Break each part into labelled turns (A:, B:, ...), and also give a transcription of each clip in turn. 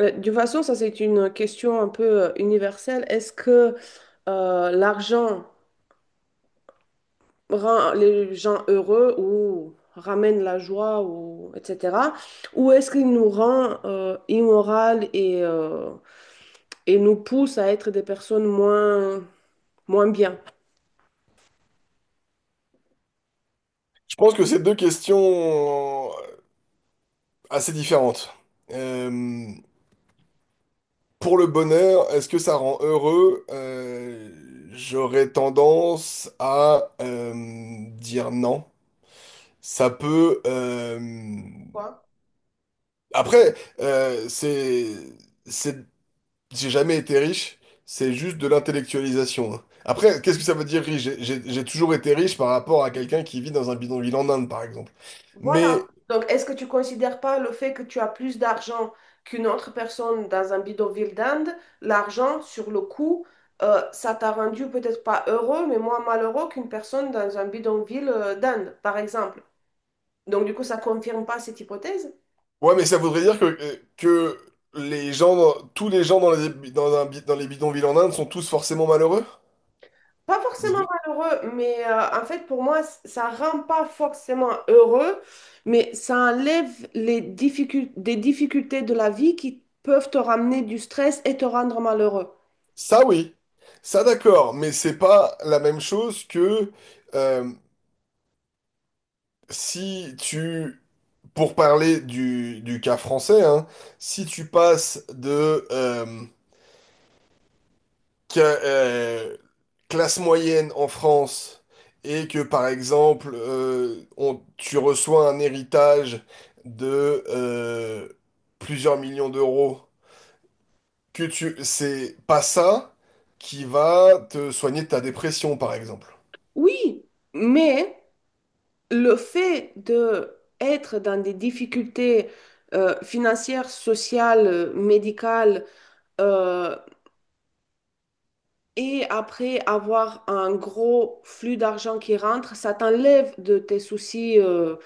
A: De toute façon, ça c'est une question un peu universelle. Est-ce que l'argent rend les gens heureux ou ramène la joie ou etc. Ou est-ce qu'il nous rend immoral et et nous pousse à être des personnes moins bien?
B: Je pense que c'est deux questions assez différentes. Euh, pour le bonheur, est-ce que ça rend heureux? J'aurais tendance à dire non. Ça peut... Après, c'est... c'est- J'ai jamais été riche, c'est juste de l'intellectualisation. Hein. Après, qu'est-ce que ça veut dire riche? J'ai toujours été riche par rapport à quelqu'un qui vit dans un bidonville en Inde, par exemple.
A: Voilà.
B: Mais
A: Donc, est-ce que tu considères pas le fait que tu as plus d'argent qu'une autre personne dans un bidonville d'Inde, l'argent sur le coup, ça t'a rendu peut-être pas heureux, mais moins malheureux qu'une personne dans un bidonville d'Inde, par exemple. Donc, du coup, ça confirme pas cette hypothèse?
B: ouais, mais ça voudrait dire que les tous les gens dans dans un dans les bidonvilles en Inde sont tous forcément malheureux?
A: Pas forcément
B: Je-
A: malheureux, mais en fait, pour moi, ça rend pas forcément heureux, mais ça enlève les des difficultés de la vie qui peuvent te ramener du stress et te rendre malheureux.
B: Ça, oui. Ça, d'accord. Mais c'est pas la même chose que euh, si tu, pour parler du cas français, hein, si tu passes de que classe moyenne en France et que par exemple tu reçois un héritage de plusieurs millions d'euros, que tu c'est pas ça qui va te soigner de ta dépression par exemple.
A: Oui, mais le fait de être dans des difficultés financières, sociales, médicales, euh, et après avoir un gros flux d'argent qui rentre, ça t'enlève de tes soucis,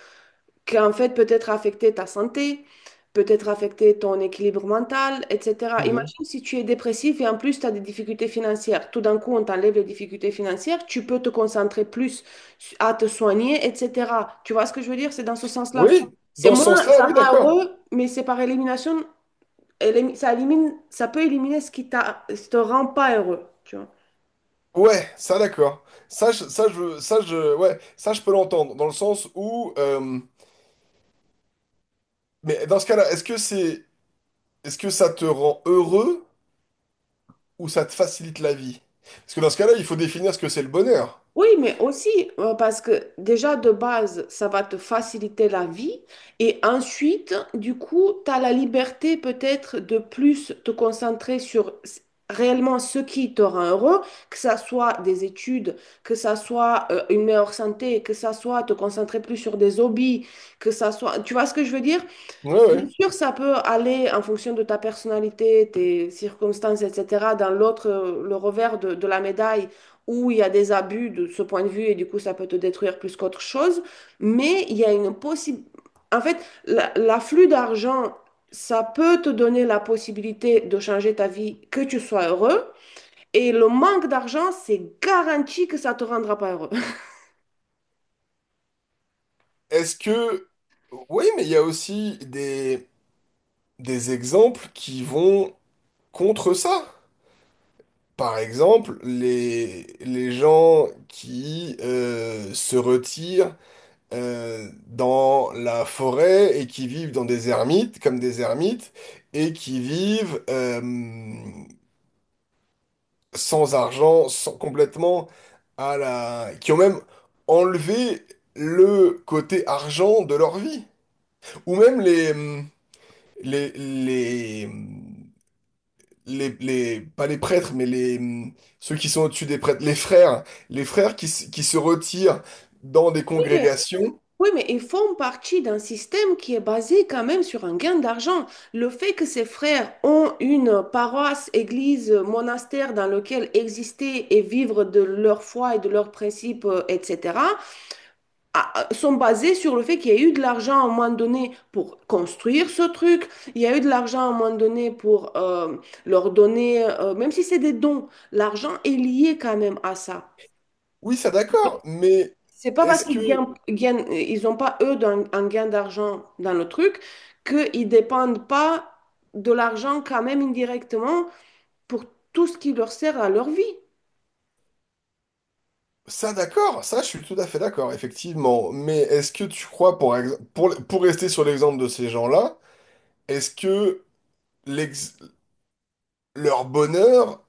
A: qu'en fait peut-être affecter ta santé, peut-être affecter ton équilibre mental, etc.
B: Mhm.
A: Imagine si tu es dépressif et en plus tu as des difficultés financières. Tout d'un coup, on t'enlève les difficultés financières, tu peux te concentrer plus à te soigner, etc. Tu vois ce que je veux dire? C'est dans ce sens-là.
B: Oui,
A: C'est
B: dans ce
A: moins,
B: sens-là,
A: ça
B: oui,
A: rend
B: d'accord.
A: heureux, mais c'est par élimination, ça élimine, ça peut éliminer ce qui t'a, ce te rend pas heureux. Tu vois.
B: Ouais, ça d'accord. Ça, je- ça, je, ça, je, ouais, ça, je peux l'entendre, dans le sens où, mais dans ce cas-là, est-ce que ça te rend heureux ou ça te facilite la vie? Parce que dans ce cas-là, il faut définir ce que c'est le bonheur.
A: Oui, mais aussi parce que déjà de base, ça va te faciliter la vie et ensuite, du coup, tu as la liberté peut-être de plus te concentrer sur réellement ce qui te rend heureux, que ça soit des études, que ça soit une meilleure santé, que ça soit te concentrer plus sur des hobbies, que ça soit... Tu vois ce que je veux dire?
B: Ouais,
A: Bien
B: ouais.
A: sûr, ça peut aller en fonction de ta personnalité, tes circonstances, etc. Dans l'autre, le revers de la médaille, où il y a des abus de ce point de vue, et du coup, ça peut te détruire plus qu'autre chose. Mais il y a une possibilité... En fait, l'afflux d'argent, ça peut te donner la possibilité de changer ta vie, que tu sois heureux. Et le manque d'argent, c'est garanti que ça te rendra pas heureux.
B: Est-ce que... Oui, mais il y a aussi des exemples qui vont contre ça. Par exemple, les gens qui se retirent dans la forêt et qui vivent dans des ermites, comme des ermites, et qui vivent sans argent, sans complètement à la... qui ont même enlevé le côté argent de leur vie. Ou même les, les, hum, pas les prêtres, mais ceux qui sont au-dessus des prêtres, les frères qui se retirent dans des
A: Oui, mais
B: congrégations.
A: Oui, mais ils font partie d'un système qui est basé quand même sur un gain d'argent. Le fait que ces frères ont une paroisse, église, monastère dans lequel exister et vivre de leur foi et de leurs principes, etc., sont basés sur le fait qu'il y a eu de l'argent à un moment donné pour construire ce truc, il y a eu de l'argent à un moment donné pour leur donner, même si c'est des dons, l'argent est lié quand même à ça.
B: Oui, ça d'accord, mais
A: C'est pas parce
B: est-ce que...
A: qu'ils ils ont pas eux un, gain d'argent dans le truc qu'ils dépendent pas de l'argent quand même indirectement pour tout ce qui leur sert à leur vie.
B: Ça d'accord, ça je suis tout à fait d'accord, effectivement. Mais est-ce que tu crois, pour rester sur l'exemple de ces gens-là, est-ce que l'ex- leur bonheur,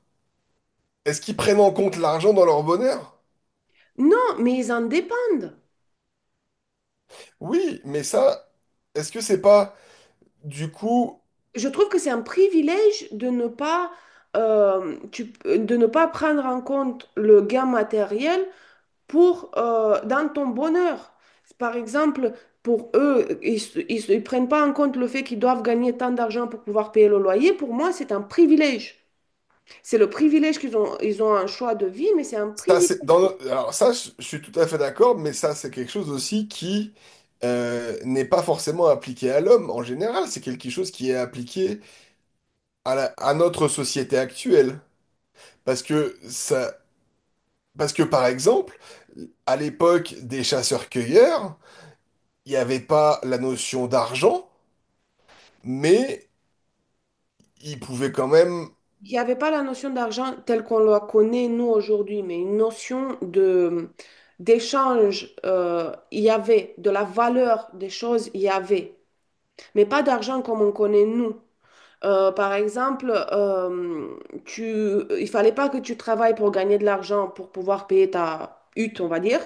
B: est-ce qu'ils prennent en compte l'argent dans leur bonheur?
A: Non, mais ils en dépendent.
B: Oui, mais ça, est-ce que c'est pas du coup
A: Je trouve que c'est un privilège de ne pas de ne pas prendre en compte le gain matériel pour, dans ton bonheur. Par exemple, pour eux, ils ne prennent pas en compte le fait qu'ils doivent gagner tant d'argent pour pouvoir payer le loyer. Pour moi, c'est un privilège. C'est le privilège qu'ils ont, ils ont un choix de vie, mais c'est un
B: ça
A: privilège.
B: c'est dans alors ça je suis tout à fait d'accord, mais ça c'est quelque chose aussi qui n'est pas forcément appliqué à l'homme en général, c'est quelque chose qui est appliqué à, à notre société actuelle parce que ça parce que par exemple à l'époque des chasseurs-cueilleurs, il n'y avait pas la notion d'argent, mais ils pouvaient quand même
A: Il n'y avait pas la notion d'argent telle qu'on la connaît, nous, aujourd'hui, mais une notion de, d'échange, il y avait, de la valeur des choses, il y avait, mais pas d'argent comme on connaît, nous. Par exemple, tu, il fallait pas que tu travailles pour gagner de l'argent pour pouvoir payer ta hutte, on va dire,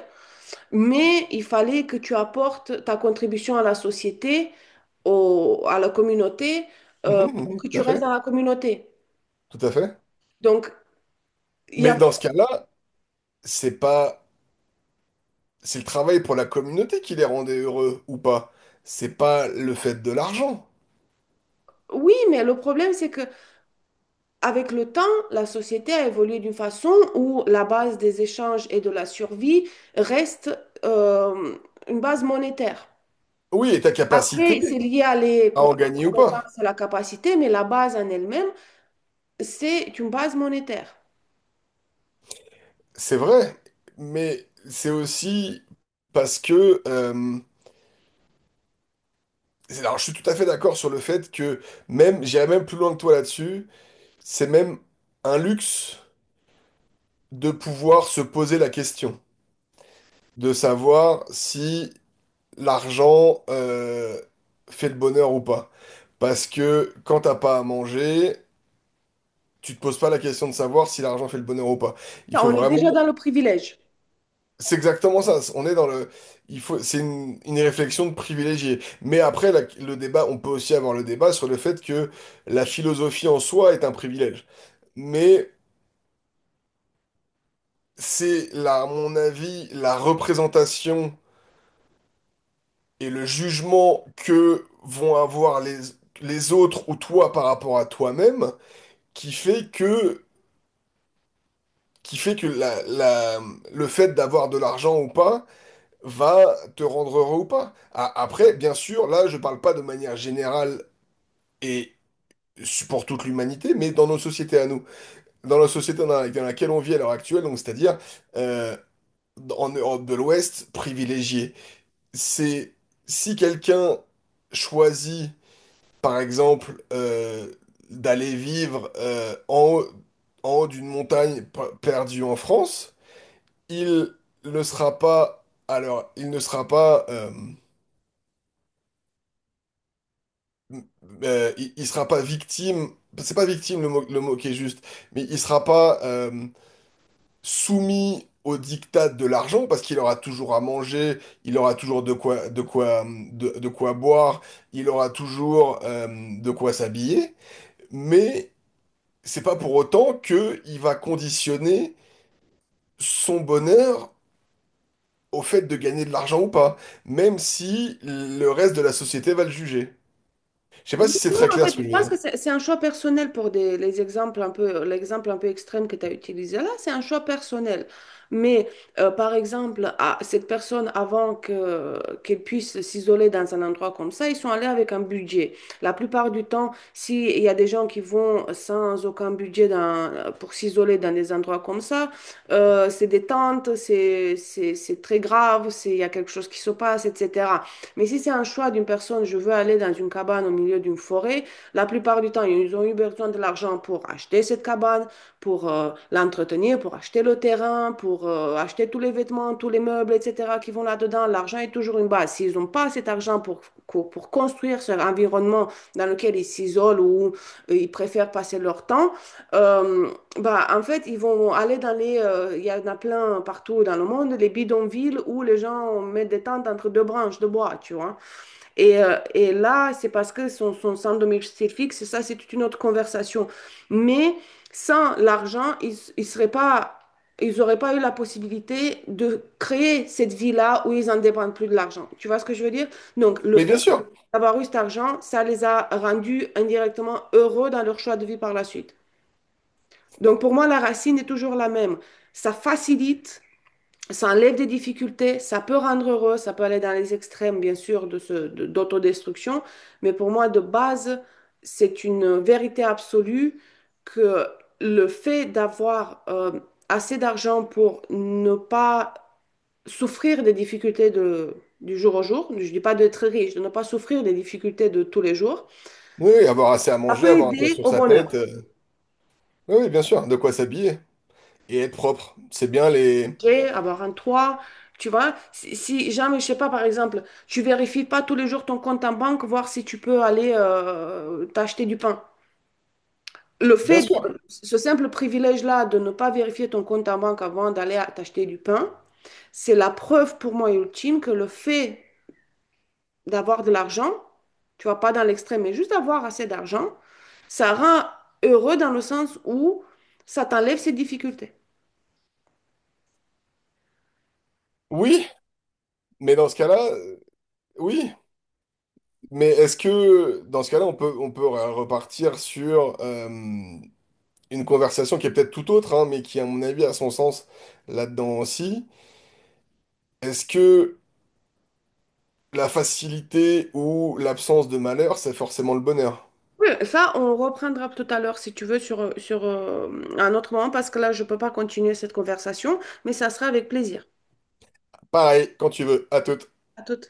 A: mais il fallait que tu apportes ta contribution à la société, à la communauté,
B: mhm,
A: pour que
B: mhm, tout
A: tu
B: à
A: restes
B: fait,
A: dans la communauté.
B: tout à fait.
A: Donc, il y
B: Mais
A: avait...
B: dans ce cas-là, c'est pas, c'est le travail pour la communauté qui les rendait heureux ou pas. C'est pas le fait de l'argent.
A: Oui, mais le problème, c'est que avec le temps, la société a évolué d'une façon où la base des échanges et de la survie reste euh, une base monétaire.
B: Oui, et ta
A: Après, c'est
B: capacité
A: lié à
B: à en
A: à la
B: gagner ou pas.
A: compétence, à la capacité, mais la base en elle-même, c'est une base monétaire.
B: C'est vrai, mais c'est aussi parce que. Alors, je suis tout à fait d'accord sur le fait que même, j'irais même plus loin que toi là-dessus. C'est même un luxe de pouvoir se poser la question, de savoir si l'argent fait le bonheur ou pas. Parce que quand t'as pas à manger, tu te poses pas la question de savoir si l'argent fait le bonheur ou pas. Il faut
A: On est
B: vraiment...
A: déjà dans le privilège.
B: C'est exactement ça. On est dans le... Il faut... C'est une réflexion de privilégié. Mais après, le débat, on peut aussi avoir le débat sur le fait que la philosophie en soi est un privilège. Mais c'est, là, à mon avis, la représentation et le jugement que vont avoir les autres ou toi par rapport à toi-même qui fait que, qui fait que le fait d'avoir de l'argent ou pas va te rendre heureux ou pas. Après, bien sûr, là, je parle pas de manière générale et pour toute l'humanité, mais dans nos sociétés à nous, dans la société dans dans laquelle on vit à l'heure actuelle, donc c'est-à-dire euh, en Europe de l'Ouest, privilégiée. C'est si quelqu'un choisit, par exemple, d'aller vivre en haut d'une montagne perdue en France, il ne sera pas, alors, il ne sera pas, il sera pas victime, c'est pas victime le mot qui est juste, mais il sera pas soumis au diktat de l'argent parce qu'il aura toujours à manger, il aura toujours de quoi, de quoi boire, il aura toujours de quoi s'habiller, mais c'est pas pour autant que il va conditionner son bonheur au fait de gagner de l'argent ou pas, même si le reste de la société va le juger. Je sais pas
A: Oui,
B: si c'est
A: non,
B: très
A: en
B: clair
A: fait,
B: ce que
A: je
B: je veux
A: pense
B: dire.
A: que c'est un choix personnel pour des, les exemples un peu, l'exemple un peu extrême que tu as utilisé là, c'est un choix personnel. Mais par exemple, à cette personne, avant que, qu'elle puisse s'isoler dans un endroit comme ça, ils sont allés avec un budget. La plupart du temps, s'il y a des gens qui vont sans aucun budget pour s'isoler dans des endroits comme ça, c'est des tentes, c'est très grave, c'est- il y a quelque chose qui se passe, etc. Mais si c'est un choix d'une personne, je veux aller dans une cabane au milieu d'une forêt, la plupart du temps, ils ont eu besoin de l'argent pour acheter cette cabane, pour l'entretenir, pour acheter le terrain, pour acheter tous les vêtements, tous les meubles, etc. qui vont là-dedans. L'argent est toujours une base. S'ils n'ont pas cet argent pour construire cet environnement dans lequel ils s'isolent ou ils préfèrent passer leur temps, euh, bah, en fait, ils vont aller dans les... il y en a plein partout dans le monde, les bidonvilles où les gens mettent des tentes entre deux branches de bois, tu vois. Et là, c'est parce que sont sans domicile fixe, ça, c'est toute une autre conversation. Mais sans l'argent, ils seraient pas... Ils n'auraient pas eu la possibilité de créer cette vie-là où ils en dépendent plus de l'argent. Tu vois ce que je veux dire? Donc, le
B: Mais bien
A: fait
B: sûr,
A: d'avoir eu cet argent, ça les a rendus indirectement heureux dans leur choix de vie par la suite. Donc pour moi, la racine est toujours la même. Ça facilite, ça enlève des difficultés, ça peut rendre heureux, ça peut aller dans les extrêmes, bien sûr, de ce, d'autodestruction, mais pour moi, de base, c'est une vérité absolue que le fait d'avoir assez d'argent pour ne pas souffrir des difficultés de, du jour au jour, je ne dis pas d'être riche, de ne pas souffrir des difficultés de tous les jours,
B: oui, oui, avoir assez à
A: ça
B: manger,
A: peut
B: avoir un toit
A: aider
B: sur
A: au
B: sa tête,
A: bonheur.
B: oui, oui, bien sûr, de quoi s'habiller et être propre, c'est bien les...
A: Manger, avoir un toit, tu vois. Si, si jamais, je sais pas, par exemple, tu vérifies pas tous les jours ton compte en banque, voir si tu peux aller t'acheter du pain. Le
B: Bien
A: fait
B: sûr,
A: de ce simple privilège-là de ne pas vérifier ton compte en banque avant d'aller t'acheter du pain, c'est la preuve pour moi ultime que le fait d'avoir de l'argent, tu vois, pas dans l'extrême, mais juste avoir assez d'argent, ça rend heureux dans le sens où ça t'enlève ses difficultés.
B: oui, mais dans ce cas-là, oui, mais est-ce que dans ce cas-là, on peut repartir sur une conversation qui est peut-être tout autre, hein, mais qui, à mon avis, a son sens là-dedans aussi. Est-ce que la facilité ou l'absence de malheur, c'est forcément le bonheur.
A: Oui, ça, on reprendra tout à l'heure si tu veux sur, sur un autre moment parce que là, je ne peux pas continuer cette conversation, mais ça sera avec plaisir.
B: Pareil, quand tu veux. À toute.
A: À tout